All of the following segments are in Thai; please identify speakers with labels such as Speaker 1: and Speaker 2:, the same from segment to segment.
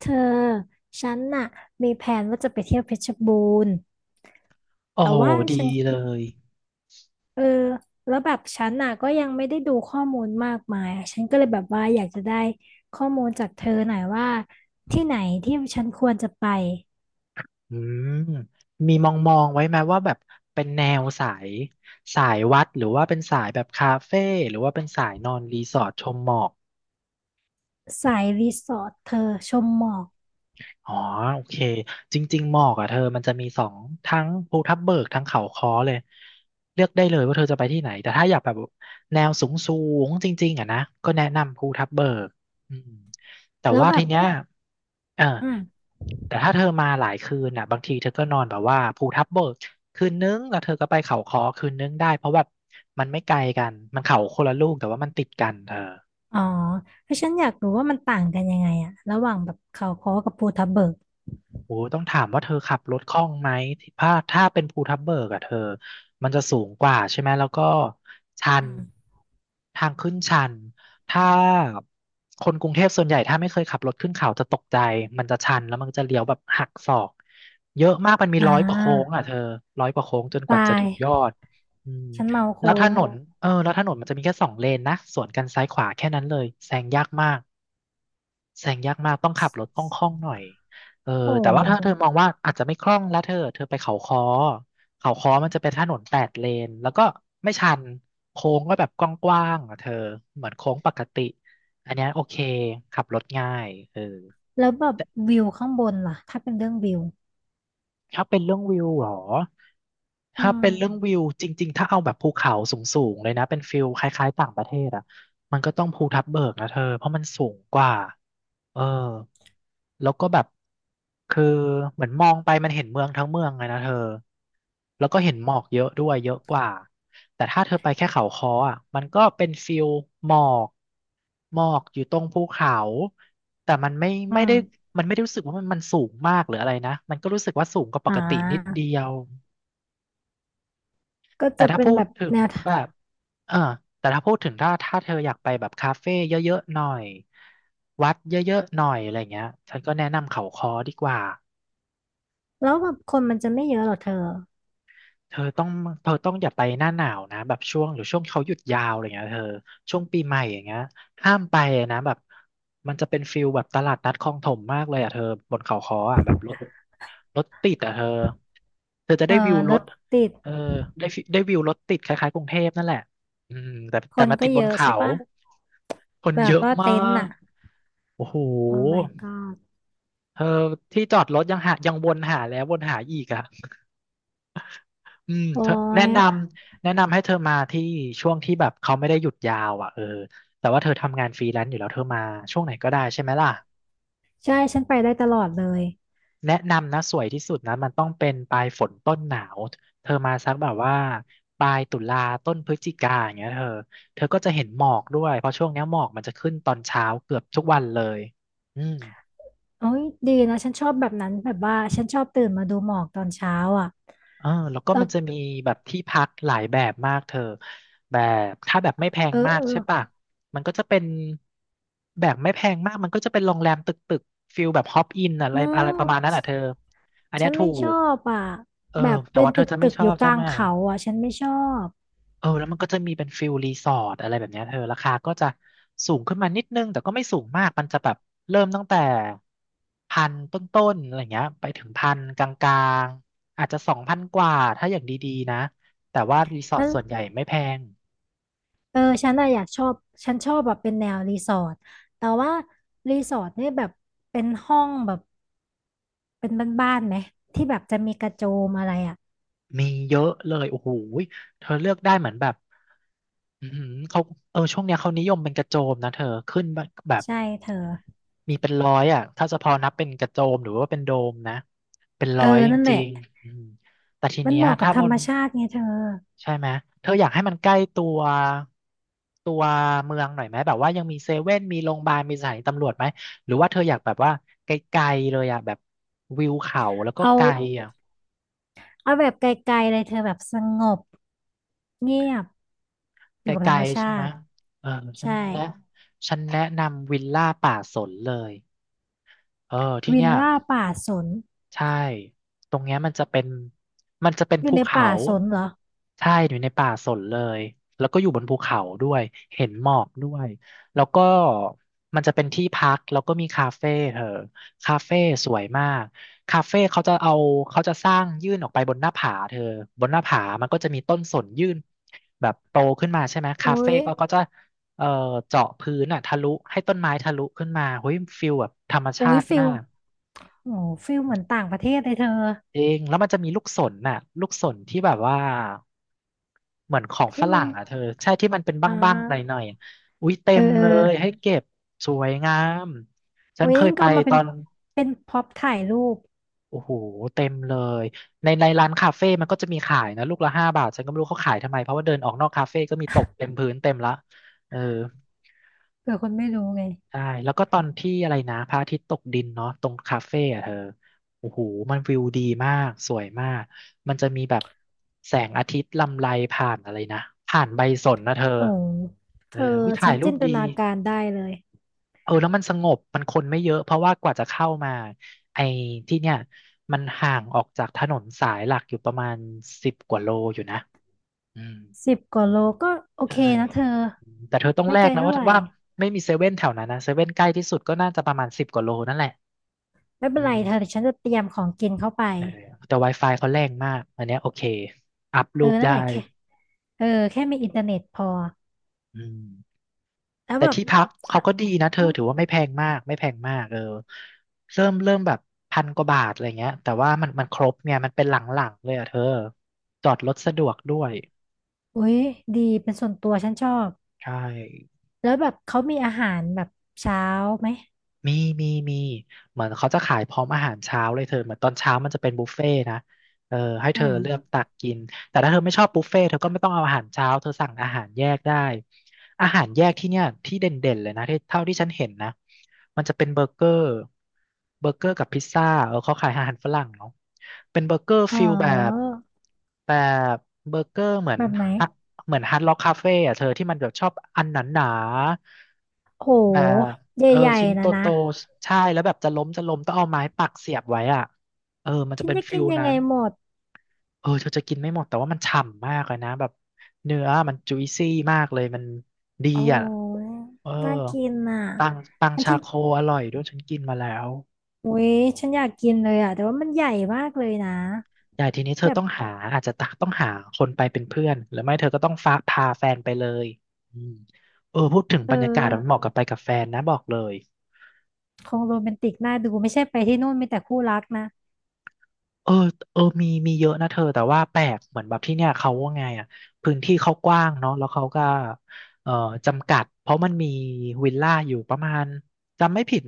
Speaker 1: เธอฉันน่ะมีแผนว่าจะไปเที่ยวเพชรบูรณ์
Speaker 2: โอ้
Speaker 1: แต่
Speaker 2: โห
Speaker 1: ว่า
Speaker 2: ดี
Speaker 1: ฉัน
Speaker 2: เลย
Speaker 1: เออแล้วแบบฉันน่ะก็ยังไม่ได้ดูข้อมูลมากมายอะฉันก็เลยแบบว่าอยากจะได้ข้อมูลจากเธอหน่อยว่าที่ไหนที่ฉันควรจะไป
Speaker 2: อืมมีมองมองไว้ไหมว่าแบบเป็นแนวสายวัดหรือว่าเป็นสายแบบคาเฟ่หรือว่าเป็นสายนอนรีสอร์ทชมหมอก
Speaker 1: สายรีสอร์ทเธอชมหมอก
Speaker 2: อ๋อโอเคจริงๆหมอกอ่ะเธอมันจะมีสองทั้งภูทับเบิกทั้งเขาค้อเลยเลือกได้เลยว่าเธอจะไปที่ไหนแต่ถ้าอยากแบบแนวสูงสูงจริงๆอ่ะนะก็แนะนำภูทับเบิกอืมแต่
Speaker 1: แล้ว
Speaker 2: ว่า
Speaker 1: แบ
Speaker 2: ที
Speaker 1: บ
Speaker 2: เนี้ยเออ
Speaker 1: อืม
Speaker 2: แต่ถ้าเธอมาหลายคืนอ่ะบางทีเธอก็นอนแบบว่าภูทับเบิกคืนนึงแล้วเธอก็ไปเขาค้อคืนนึงได้เพราะแบบมันไม่ไกลกันมันเขาคนละลูกแต่ว่ามันติดกันเธอ
Speaker 1: อ๋อเพราะฉันอยากรู้ว่ามันต่างกันยังไงอะระหว่างแบบเขาค้อกับภูทับเบิก
Speaker 2: โอ้ต้องถามว่าเธอขับรถคล่องไหมถ้าเป็นภูทับเบิกอะเธอมันจะสูงกว่าใช่ไหมแล้วก็ชัน
Speaker 1: อืม
Speaker 2: ทางขึ้นชันถ้าคนกรุงเทพส่วนใหญ่ถ้าไม่เคยขับรถขึ้นเขาจะตกใจมันจะชันแล้วมันจะเลี้ยวแบบหักศอกเยอะมากมันมี
Speaker 1: อ่า
Speaker 2: ร้อยกว่าโค้งอะเธอร้อยกว่าโค้งจนกว่า
Speaker 1: ตา
Speaker 2: จะ
Speaker 1: ย
Speaker 2: ถึงยอดอืม
Speaker 1: ฉันเมา
Speaker 2: แล้
Speaker 1: โค้
Speaker 2: วถ
Speaker 1: ง
Speaker 2: นนเออแล้วถนนมันจะมีแค่สองเลนนะสวนกันซ้ายขวาแค่นั้นเลยแซงยากมาก แซงยากมากต้องขับรถคล่องๆหน่อยเออ
Speaker 1: โอ
Speaker 2: แต่ว่าถ้าเธอ
Speaker 1: ้
Speaker 2: มองว่าอาจจะไม่คล่องแล้วเธอไปเขาค้อเขาค้อมันจะเป็นถนนแปดเลนแล้วก็ไม่ชันโค้งก็แบบกว้างๆอ่ะเธอเหมือนโค้งปกติอันเนี้ยโอเคขับรถง่ายเออ
Speaker 1: แล้วแบบวิวข้างบนล่ะถ้าเป็นเรื่องวิว
Speaker 2: ถ้าเป็นเรื่องวิวเหรอ
Speaker 1: อื
Speaker 2: ถ้าเป็นเรื่อง
Speaker 1: ม
Speaker 2: วิวจริงๆถ้าเอาแบบภูเขาสูงๆเลยนะเป็นฟิลคล้ายๆต่างประเทศอ่ะมันก็ต้องภูทับเบิกนะเธอเพราะมันสูงกว่า เออแล้วก็แบบคือเหมือนมองไปมันเห็นเมืองทั้งเมืองเลยนะเธอแล้วก็เห็นหมอกเยอะด้วยเยอะกว่าแต่ถ้าเธอไปแค่เขาค้ออ่ะมันก็เป็นฟิลหมอกหมอกอยู่ตรงภูเขาแต่มันไม่
Speaker 1: อื
Speaker 2: ไม่
Speaker 1: ม
Speaker 2: ได้มันไม่ได้รู้สึกว่ามันมันสูงมากหรืออะไรนะมันก็รู้สึกว่าสูงกว่าป
Speaker 1: อ่
Speaker 2: กตินิด
Speaker 1: า
Speaker 2: เดียว
Speaker 1: ก็
Speaker 2: แต่
Speaker 1: จะ
Speaker 2: ถ้า
Speaker 1: เป็น
Speaker 2: พู
Speaker 1: แบ
Speaker 2: ด
Speaker 1: บ
Speaker 2: ถึง
Speaker 1: แนวทา
Speaker 2: แบ
Speaker 1: ง
Speaker 2: บเออแต่ถ้าพูดถึงถ้าเธออยากไปแบบคาเฟ่เยอะๆหน่อยวัดเยอะๆหน่อยอะไรเงี้ยฉันก็แนะนำเขาคอดีกว่า
Speaker 1: แล้วแบบคนมันจะไม่เยอะหรอเธอ
Speaker 2: เธอต้องเธอต้องอย่าไปหน้าหนาวนะแบบช่วงหรือช่วงเขาหยุดยาวอะไรเงี้ยเธอช่วงปีใหม่อย่างเงี้ยห้ามไปนะแบบมันจะเป็นฟิลแบบตลาดนัดคลองถมมากเลยอ่ะเธอบนเขาค้ออ่ะแบบรถติดอ่ะเธอเธอจะ
Speaker 1: เออ
Speaker 2: ได้วิวร
Speaker 1: ร
Speaker 2: ถ
Speaker 1: ถติด
Speaker 2: เออได้ฟิได้วิวรถติดคล้ายๆกรุงเทพนั่นแหละอืมแต่
Speaker 1: ค
Speaker 2: แต่
Speaker 1: น
Speaker 2: มาติ
Speaker 1: ก็
Speaker 2: ดบ
Speaker 1: เย
Speaker 2: น
Speaker 1: อะ
Speaker 2: เขา
Speaker 1: ใช่ปะ
Speaker 2: คน
Speaker 1: แบ
Speaker 2: เย
Speaker 1: บ
Speaker 2: อะ
Speaker 1: ว่า
Speaker 2: มา
Speaker 1: เต็นท์
Speaker 2: ก
Speaker 1: อะ
Speaker 2: โอ้โห
Speaker 1: โอ้ my god
Speaker 2: เธอที่จอดรถยังหายังวนหาแล้ววนหาอีกอ่ะ อืม
Speaker 1: โอ้
Speaker 2: เธอแนะ
Speaker 1: ย
Speaker 2: นำแนะนำให้เธอมาที่ช่วงที่แบบเขาไม่ได้หยุดยาวอ่ะเออแต่ว่าเธอทำงานฟรีแลนซ์อยู่แล้วเธอมาช่วงไหนก็ได้ใช่ไหมล่ะ
Speaker 1: ใช่ฉันไปได้ตลอดเลย
Speaker 2: แนะนำนะสวยที่สุดนะมันต้องเป็นปลายฝนต้นหนาวเธอมาสักแบบว่าปลายตุลาต้นพฤศจิกาอย่างเงี้ยเธอเธอก็จะเห็นหมอกด้วยเพราะช่วงเนี้ยหมอกมันจะขึ้นตอนเช้าเกือบทุกวันเลยอืม
Speaker 1: โอ้ยดีนะฉันชอบแบบนั้นแบบว่าฉันชอบตื่นมาดูหมอกตอนเช้าอ่ะ
Speaker 2: เออแล้วก็
Speaker 1: แล้
Speaker 2: มั
Speaker 1: ว
Speaker 2: นจะมีแบบที่พักหลายแบบมากเธอแบบถ้าแบบไม่แพง
Speaker 1: เออ
Speaker 2: มา
Speaker 1: เอ
Speaker 2: ก
Speaker 1: อ
Speaker 2: ใช่ปะมันก็จะเป็นแบบไม่แพงมากมันก็จะเป็นโรงแรมตึกตึกฟิลแบบฮอปอินอะไร
Speaker 1: อื
Speaker 2: อะ
Speaker 1: ม
Speaker 2: ไรประมาณนั้นอ่ะเธอ
Speaker 1: ฉ
Speaker 2: อันเนี้
Speaker 1: ฉั
Speaker 2: ย
Speaker 1: น
Speaker 2: ถู
Speaker 1: ไม่ช
Speaker 2: ก
Speaker 1: อบอ่ะ
Speaker 2: เออ
Speaker 1: แบบ
Speaker 2: แต่
Speaker 1: เป็น
Speaker 2: ว่าเธ
Speaker 1: ตึ
Speaker 2: อ
Speaker 1: ก
Speaker 2: จะไม่
Speaker 1: ตึก
Speaker 2: ช
Speaker 1: อ
Speaker 2: อ
Speaker 1: ยู่
Speaker 2: บ
Speaker 1: ก
Speaker 2: ใช่
Speaker 1: ลาง
Speaker 2: ไหม
Speaker 1: เขาอ่ะฉันไม่ชอบ
Speaker 2: เออแล้วมันก็จะมีเป็นฟิลรีสอร์ทอะไรแบบเนี้ยเธอราคาก็จะสูงขึ้นมานิดนึงแต่ก็ไม่สูงมากมันจะแบบเริ่มตั้งแต่พันต้นๆอะไรเงี้ยไปถึงพันกลางๆอาจจะสองพันกว่าถ้าอย่างดีๆนะแต่ว่ารีสอร์ท
Speaker 1: นั่น
Speaker 2: ส่วนใหญ่ไม่แพง
Speaker 1: เออ ฉันอะอยากชอบ ฉันชอบแบบเป็นแนวรีสอร์ทแต่ว่ารีสอร์ทเนี่ยแบบเป็นห้องแบบเป็นบ้านๆไหมที่แบบจะมีกระโจมอะไรอ่ะ
Speaker 2: มีเยอะเลยโอ้โหยเธอเลือกได้เหมือนแบบอือหือเขาเออช่วงเนี้ยเขานิยมเป็นกระโจมนะเธอขึ้นแบบ
Speaker 1: ใช่เธอ
Speaker 2: มีเป็นร้อยอ่ะถ้าจะพอนับเป็นกระโจมหรือว่าเป็นโดมนะเป็นร้
Speaker 1: เอ
Speaker 2: อย
Speaker 1: อ
Speaker 2: จ
Speaker 1: นั่นแห
Speaker 2: ริ
Speaker 1: ละ
Speaker 2: งๆอืมแต่ที
Speaker 1: มัน
Speaker 2: เนี้
Speaker 1: เห
Speaker 2: ย
Speaker 1: มาะกับ
Speaker 2: ถ้า
Speaker 1: ธ
Speaker 2: บ
Speaker 1: รร
Speaker 2: น
Speaker 1: มชาติไงเธอ
Speaker 2: ใช่ไหมเธออยากให้มันใกล้ตัวเมืองหน่อยไหมแบบว่ายังมีเซเว่นมีโรงพยาบาลมีสถานีตำรวจไหมหรือว่าเธออยากแบบว่าไกลๆเลยอ่ะแบบวิวเขาแล้วก็
Speaker 1: เอา
Speaker 2: ไกลอ่ะ
Speaker 1: เอาแบบไกลๆเลยเธอแบบสงบเงียบอ
Speaker 2: ไก
Speaker 1: ยู่กับธร
Speaker 2: ล
Speaker 1: รม
Speaker 2: ๆ
Speaker 1: ชา
Speaker 2: ใช่ไหม
Speaker 1: ติ
Speaker 2: เออฉัน
Speaker 1: ใช่
Speaker 2: แนะฉันแนะนำวิลล่าป่าสนเลยเออที่
Speaker 1: วิล
Speaker 2: เนี่ย
Speaker 1: ล่าป่าสน
Speaker 2: ใช่ ตรงเนี้ยมันจะเป็น มันจะเป็น
Speaker 1: อยู่
Speaker 2: ภู
Speaker 1: ใน
Speaker 2: เขา
Speaker 1: ป่าสนเหรอ
Speaker 2: ใช่ อยู่ในป่าสนเลย แล้วก็อยู่บนภูเขาด้วยเห็นหมอกด้วยแล้วก็มันจะเป็นที่พักแล้วก็มีคาเฟ่เธอคาเฟ่สวยมากคาเฟ่เขาจะเอาเขาจะสร้างยื่นออกไปบนหน้าผาเธอบนหน้าผามันก็จะมีต้นสนยื่นแบบโตขึ้นมาใช่ไหม
Speaker 1: โอ้
Speaker 2: คาเฟ่
Speaker 1: ย
Speaker 2: ก็เขาจะเอ่อเจาะพื้นอ่ะทะลุให้ต้นไม้ทะลุขึ้นมาเฮ้ยฟิลแบบธรรม
Speaker 1: โอ้
Speaker 2: ชา
Speaker 1: ย
Speaker 2: ติ
Speaker 1: ฟิ
Speaker 2: มา
Speaker 1: ล
Speaker 2: ก
Speaker 1: โอ้ฟิลเหมือนต่างประเทศเลยเธอ
Speaker 2: จริงแล้วมันจะมีลูกสนน่ะลูกสนที่แบบว่าเหมือนของฝ
Speaker 1: ที่มั
Speaker 2: รั่
Speaker 1: น
Speaker 2: งอ่ะเธอใช่ที่มันเป็น
Speaker 1: อ่
Speaker 2: บ้างๆหน่อย
Speaker 1: า
Speaker 2: ๆอะอุ๊ยเต็
Speaker 1: เออ
Speaker 2: ม
Speaker 1: เอ
Speaker 2: เล
Speaker 1: อ
Speaker 2: ยให้เก็บสวยงามฉั
Speaker 1: โอ้
Speaker 2: น
Speaker 1: ย
Speaker 2: เค
Speaker 1: ง
Speaker 2: ยไป
Speaker 1: ก็เอามา
Speaker 2: ต
Speaker 1: เป็
Speaker 2: อ
Speaker 1: น
Speaker 2: น
Speaker 1: เป็นพ็อปถ่ายรูป
Speaker 2: โอ้โหเต็มเลยในร้านคาเฟ่มันก็จะมีขายนะลูกละ5 บาทฉันก็ไม่รู้เขาขายทำไมเพราะว่าเดินออกนอกคาเฟ่ก็มีตกเต็มพื้นเต็มละเออ
Speaker 1: เผื่อคนไม่รู้ไง
Speaker 2: ใช่แล้วก็ตอนที่อะไรนะพระอาทิตย์ตกดินเนาะตรงคาเฟ่อะเธอโอ้โหมันวิวดีมากสวยมากมันจะมีแบบแสงอาทิตย์ลำไรผ่านอะไรนะผ่านใบสนนะเธอ
Speaker 1: โอ้
Speaker 2: เอ
Speaker 1: เธ
Speaker 2: อ
Speaker 1: อ
Speaker 2: วิถ่า
Speaker 1: ฉั
Speaker 2: ย
Speaker 1: น
Speaker 2: รู
Speaker 1: จิ
Speaker 2: ป
Speaker 1: นต
Speaker 2: ดี
Speaker 1: นาการได้เลย
Speaker 2: เออแล้วมันสงบมันคนไม่เยอะเพราะว่ากว่าจะเข้ามาไอ้ที่เนี่ยมันห่างออกจากถนนสายหลักอยู่ประมาณสิบกว่าโลอยู่นะอืม
Speaker 1: 10 กว่าโลก็โอ
Speaker 2: ใช่
Speaker 1: เคนะเธอ
Speaker 2: อืมแต่เธอต้อง
Speaker 1: ไม่
Speaker 2: แล
Speaker 1: ไกล
Speaker 2: กนะ
Speaker 1: เท่า
Speaker 2: ว่า
Speaker 1: ไหร่
Speaker 2: ว่าไม่มีเซเว่นแถวนั้นนะเซเว่นใกล้ที่สุดก็น่าจะประมาณสิบกว่าโลนั่นแหละ
Speaker 1: ไม่เป็
Speaker 2: อื
Speaker 1: นไร
Speaker 2: ม
Speaker 1: เธอเดี๋ยวฉันจะเตรียมของกินเข้าไป
Speaker 2: เออแต่ Wi-Fi เขาแรงมากอันเนี้ยโอเคอัพ
Speaker 1: เอ
Speaker 2: รู
Speaker 1: อ
Speaker 2: ป
Speaker 1: นั่น
Speaker 2: ได้
Speaker 1: แหละแค่เออแค่มีอินเทอร์เน็ตพอ
Speaker 2: อืม
Speaker 1: แล้ว
Speaker 2: แต่
Speaker 1: แบบ
Speaker 2: ที่พักเขา
Speaker 1: อ่ะ
Speaker 2: ก็ดีนะเธอ
Speaker 1: อืม
Speaker 2: ถือว่าไม่แพงมากไม่แพงมากเออเริ่มแบบ1,000 กว่าบาทอะไรเงี้ยแต่ว่ามันครบเนี่ยมันเป็นหลังๆเลยอ่ะเธอจอดรถสะดวกด้วย
Speaker 1: อุ้ยดีเป็นส่วนตัวฉันชอบ
Speaker 2: ใช่
Speaker 1: แล้วแบบเขามีอาหารแบบเช้าไหม
Speaker 2: มีมีมีเหมือนเขาจะขายพร้อมอาหารเช้าเลยเธอเหมือนตอนเช้ามันจะเป็นบุฟเฟ่ต์นะเออให้
Speaker 1: อื
Speaker 2: เธอ
Speaker 1: ม
Speaker 2: เลือกตักกินแต่ถ้าเธอไม่ชอบบุฟเฟ่ต์เธอก็ไม่ต้องเอาอาหารเช้าเธอสั่งอาหารแยกได้อาหารแยกที่เนี่ยที่เด่นๆเลยนะที่เท่าที่ฉันเห็นนะมันจะเป็นเบอร์เกอร์เบอร์เกอร์กับพิซซ่าเออเขาขายอาหารฝรั่งเนาะเป็นเบอร์เกอร์
Speaker 1: อ๋อ
Speaker 2: ฟิลแบบแบบเบอร์เกอร์เหมือน
Speaker 1: แบบไหน
Speaker 2: ฮะเหมือนฮาร์ดล็อกคาเฟ่อะเธอที่มันแบบชอบอันหนา
Speaker 1: โห
Speaker 2: ๆแบบ
Speaker 1: ใ
Speaker 2: เออ
Speaker 1: หญ่
Speaker 2: ชิ้น
Speaker 1: ๆ
Speaker 2: โต
Speaker 1: นะนะ
Speaker 2: โตใช่แล้วแบบจะล้มจะล้มต้องเอาไม้ปักเสียบไว้อ่ะเออมันจะ
Speaker 1: ฉัน
Speaker 2: เป็น
Speaker 1: จะ
Speaker 2: ฟิ
Speaker 1: กิน
Speaker 2: ล
Speaker 1: ยัง
Speaker 2: นั้
Speaker 1: ไง
Speaker 2: น
Speaker 1: หมด
Speaker 2: เออเธอจะกินไม่หมดแต่ว่ามันฉ่ำมากเลยนะแบบเนื้อมันจุยซี่มากเลยมันดี
Speaker 1: อ๋
Speaker 2: อ่ะ
Speaker 1: อ
Speaker 2: เออ
Speaker 1: น่ากินอ่ะ
Speaker 2: ตังตัง
Speaker 1: อัน
Speaker 2: ชา
Speaker 1: ฉัน
Speaker 2: โคอร่อยด้วยฉันกินมาแล้ว
Speaker 1: อุ๊ยฉันอยากกินเลยอ่ะแต่ว่ามันใหญ่มากเลยนะ
Speaker 2: ใหญ่ทีนี้เธอ
Speaker 1: แบบ
Speaker 2: ต้องหาอาจจะตักต้องหาคนไปเป็นเพื่อนหรือไม่เธอก็ต้องฟ้าพาแฟนไปเลยอืมเออพูดถึง
Speaker 1: เอ
Speaker 2: บรรยากาศมันเห
Speaker 1: อ
Speaker 2: มาะกับไปกับแฟนนะบอกเลย
Speaker 1: คงโรแมนติกน่าดูไม่ใช่ไปที่นู่นมีแต่คู่รักนะ
Speaker 2: เออเออมีมีเยอะนะเธอแต่ว่าแปลกเหมือนแบบที่เนี่ยเขาว่าไงอ่ะพื้นที่เขากว้างเนาะแล้วเขาก็เอ่อจำกัดเพราะมันมีวิลล่าอยู่ประมาณจำไม่ผิด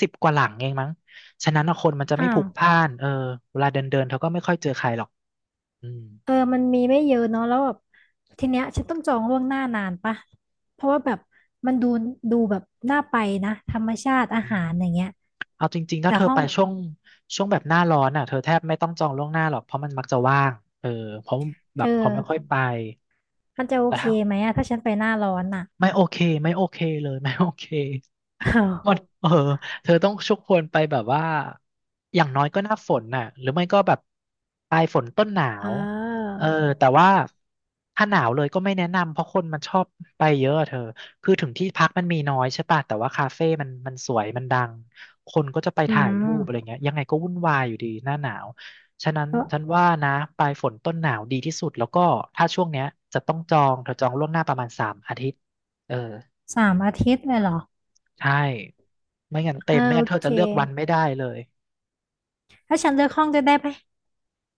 Speaker 2: 10 กว่าหลังเองมั้งฉะนั้นอะคนมันจะไม่
Speaker 1: อ้า
Speaker 2: พลุ
Speaker 1: ว
Speaker 2: กพล่านเออเวลาเดินเดินเธอก็ไม่ค่อยเจอใครหรอกอืม
Speaker 1: เออมันมีไม่เยอะเนาะแล้วแบบทีเนี้ยฉันต้องจองล่วงหน้านานปะเพราะว่าแบบมันดูแบบน่าไปนะธรรมชาติอา
Speaker 2: อืม
Speaker 1: หารอย่างเงี้ย
Speaker 2: เอาจริงๆถ้า
Speaker 1: แต่
Speaker 2: เธอ
Speaker 1: ห้อ
Speaker 2: ไป
Speaker 1: ง
Speaker 2: ช่วงแบบหน้าร้อนอ่ะเธอแทบไม่ต้องจองล่วงหน้าหรอกเพราะมันมักจะว่างเออเพราะ
Speaker 1: เธ
Speaker 2: แบ
Speaker 1: อ
Speaker 2: บเขาไม่ค่อยไป
Speaker 1: มันจะโอ
Speaker 2: แต่
Speaker 1: เค
Speaker 2: ถ้า
Speaker 1: ไหมอะถ้าฉันไปหน้าร้อนอ่ะ
Speaker 2: ไม่โอเคไม่โอเคเลย ไม่โอเค
Speaker 1: อ้าว
Speaker 2: หมดเออเธอต้องชุกควนไปแบบว่าอย่างน้อยก็หน้าฝนน่ะหรือไม่ก็แบบปลายฝนต้นหนา
Speaker 1: อ้า
Speaker 2: วเออ
Speaker 1: ว
Speaker 2: แต่ว่าถ้าหนาวเลยก็ไม่แนะนำเพราะคนมันชอบไปเยอะอะเธอคือถึงที่พักมันมีน้อยใช่ป่ะแต่ว่าคาเฟ่มันสวยมันดังคนก็จะไป
Speaker 1: อื
Speaker 2: ถ่ายรูปอะไร
Speaker 1: ม
Speaker 2: เงี้ยยังไงก็วุ่นวายอยู่ดีหน้าหนาวฉะนั้นฉันว่านะปลายฝนต้นหนาวดีที่สุดแล้วก็ถ้าช่วงเนี้ยจะต้องจองเธอจองล่วงหน้าประมาณ3 อาทิตย์ เออ
Speaker 1: 3 อาทิตย์เลยเหรอ
Speaker 2: ใช่ไม่งั้นเต็
Speaker 1: อ่า
Speaker 2: มไม่
Speaker 1: โอ
Speaker 2: งั้นเธอ
Speaker 1: เค
Speaker 2: จะเลือกวันไม่ได้เลย
Speaker 1: ถ้าฉันเลือกห้องด้วยได้ไหม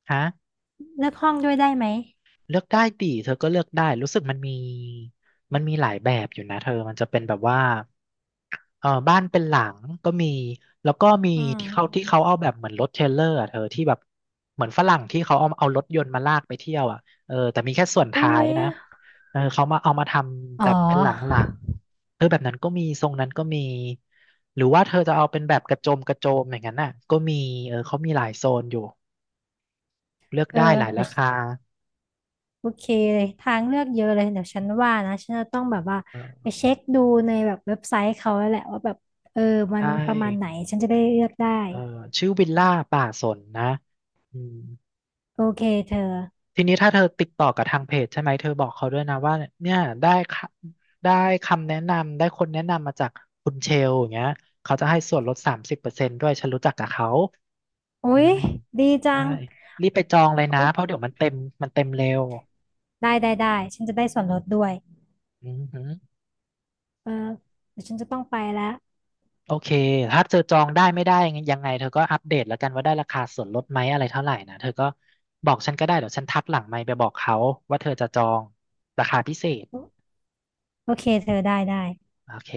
Speaker 2: ฮะ
Speaker 1: เลือกห้องด้วยได้ไหม
Speaker 2: เลือกได้ดิเธอก็เลือกได้รู้สึกมันมีมันมีหลายแบบอยู่นะเธอมันจะเป็นแบบว่า เออบ้านเป็นหลังก็มีแล้วก็มี
Speaker 1: อืม
Speaker 2: ที่เขาที่เขาเอาแบบเหมือนรถเทรลเลอร์อะเธอที่แบบเหมือนฝรั่งที่เขาเอารถยนต์มาลากไปเที่ยวอ่ะเออแต่มีแค่ส่วน
Speaker 1: อุ้
Speaker 2: ท้าย
Speaker 1: ย
Speaker 2: นะเออเขามาเอามาทำ
Speaker 1: อ๋
Speaker 2: แบ
Speaker 1: อ
Speaker 2: บเป็นหลังหลังเออแบบนั้นก็มีทรงนั้นก็มีหรือว่าเธอจะเอาเป็นแบบกระโจมกระโจมอย่างนั้นน่ะก็มีเออเขามีหลายโซนอยู่เลือก
Speaker 1: เออ
Speaker 2: ได้หลาย
Speaker 1: เดี๋
Speaker 2: รา
Speaker 1: ยว
Speaker 2: คา
Speaker 1: โอเคเลยทางเลือกเยอะเลยเดี๋ยวฉันว่านะฉันจะต้องแบบว่า
Speaker 2: เอ
Speaker 1: ไป
Speaker 2: อ
Speaker 1: เช็คดูในแบบเว็บไซต์เขาแล้วแหละว่าแบบเออ
Speaker 2: ใช
Speaker 1: มันประมาณไหน
Speaker 2: ่
Speaker 1: ฉันจะได้เลือกได้
Speaker 2: เออชื่อวิลล่าป่าสนนะอืม
Speaker 1: โอเคเธอ
Speaker 2: ทีนี้ถ้าเธอติดต่อกับทางเพจใช่ไหมเธอบอกเขาด้วยนะว่าเนี่ยได้ค่ะได้คำแนะนำได้คนแนะนำมาจากคุณเชลอย่างเงี้ยเขาจะให้ส่วนลด30%ด้วยฉันรู้จักกับเขาอื
Speaker 1: อุ๊ย
Speaker 2: ม
Speaker 1: ดีจั
Speaker 2: ได้
Speaker 1: ง
Speaker 2: รีบไปจองเลยนะ
Speaker 1: โอ๊ะ
Speaker 2: เพราะเดี๋ยวมันเต็มมันเต็มเร็ว
Speaker 1: ได้ได้ได้ฉันจะได้ส่วนลดด้วย
Speaker 2: อืม
Speaker 1: เออเดี๋ยวฉันจะต้องไปแล้ว
Speaker 2: โอเคถ้าเจอจองได้ไม่ได้ยังไงเธอก็อัปเดตแล้วกันว่าได้ราคาส่วนลดไหมอะไรเท่าไหร่นะเธอก็บอกฉันก็ได้เดี๋ยวฉันทักหลังไมค์ไปบอกเขาว่าเธอจะจองราคาพิเศษ
Speaker 1: โอเคเธอได้ได้
Speaker 2: โอเค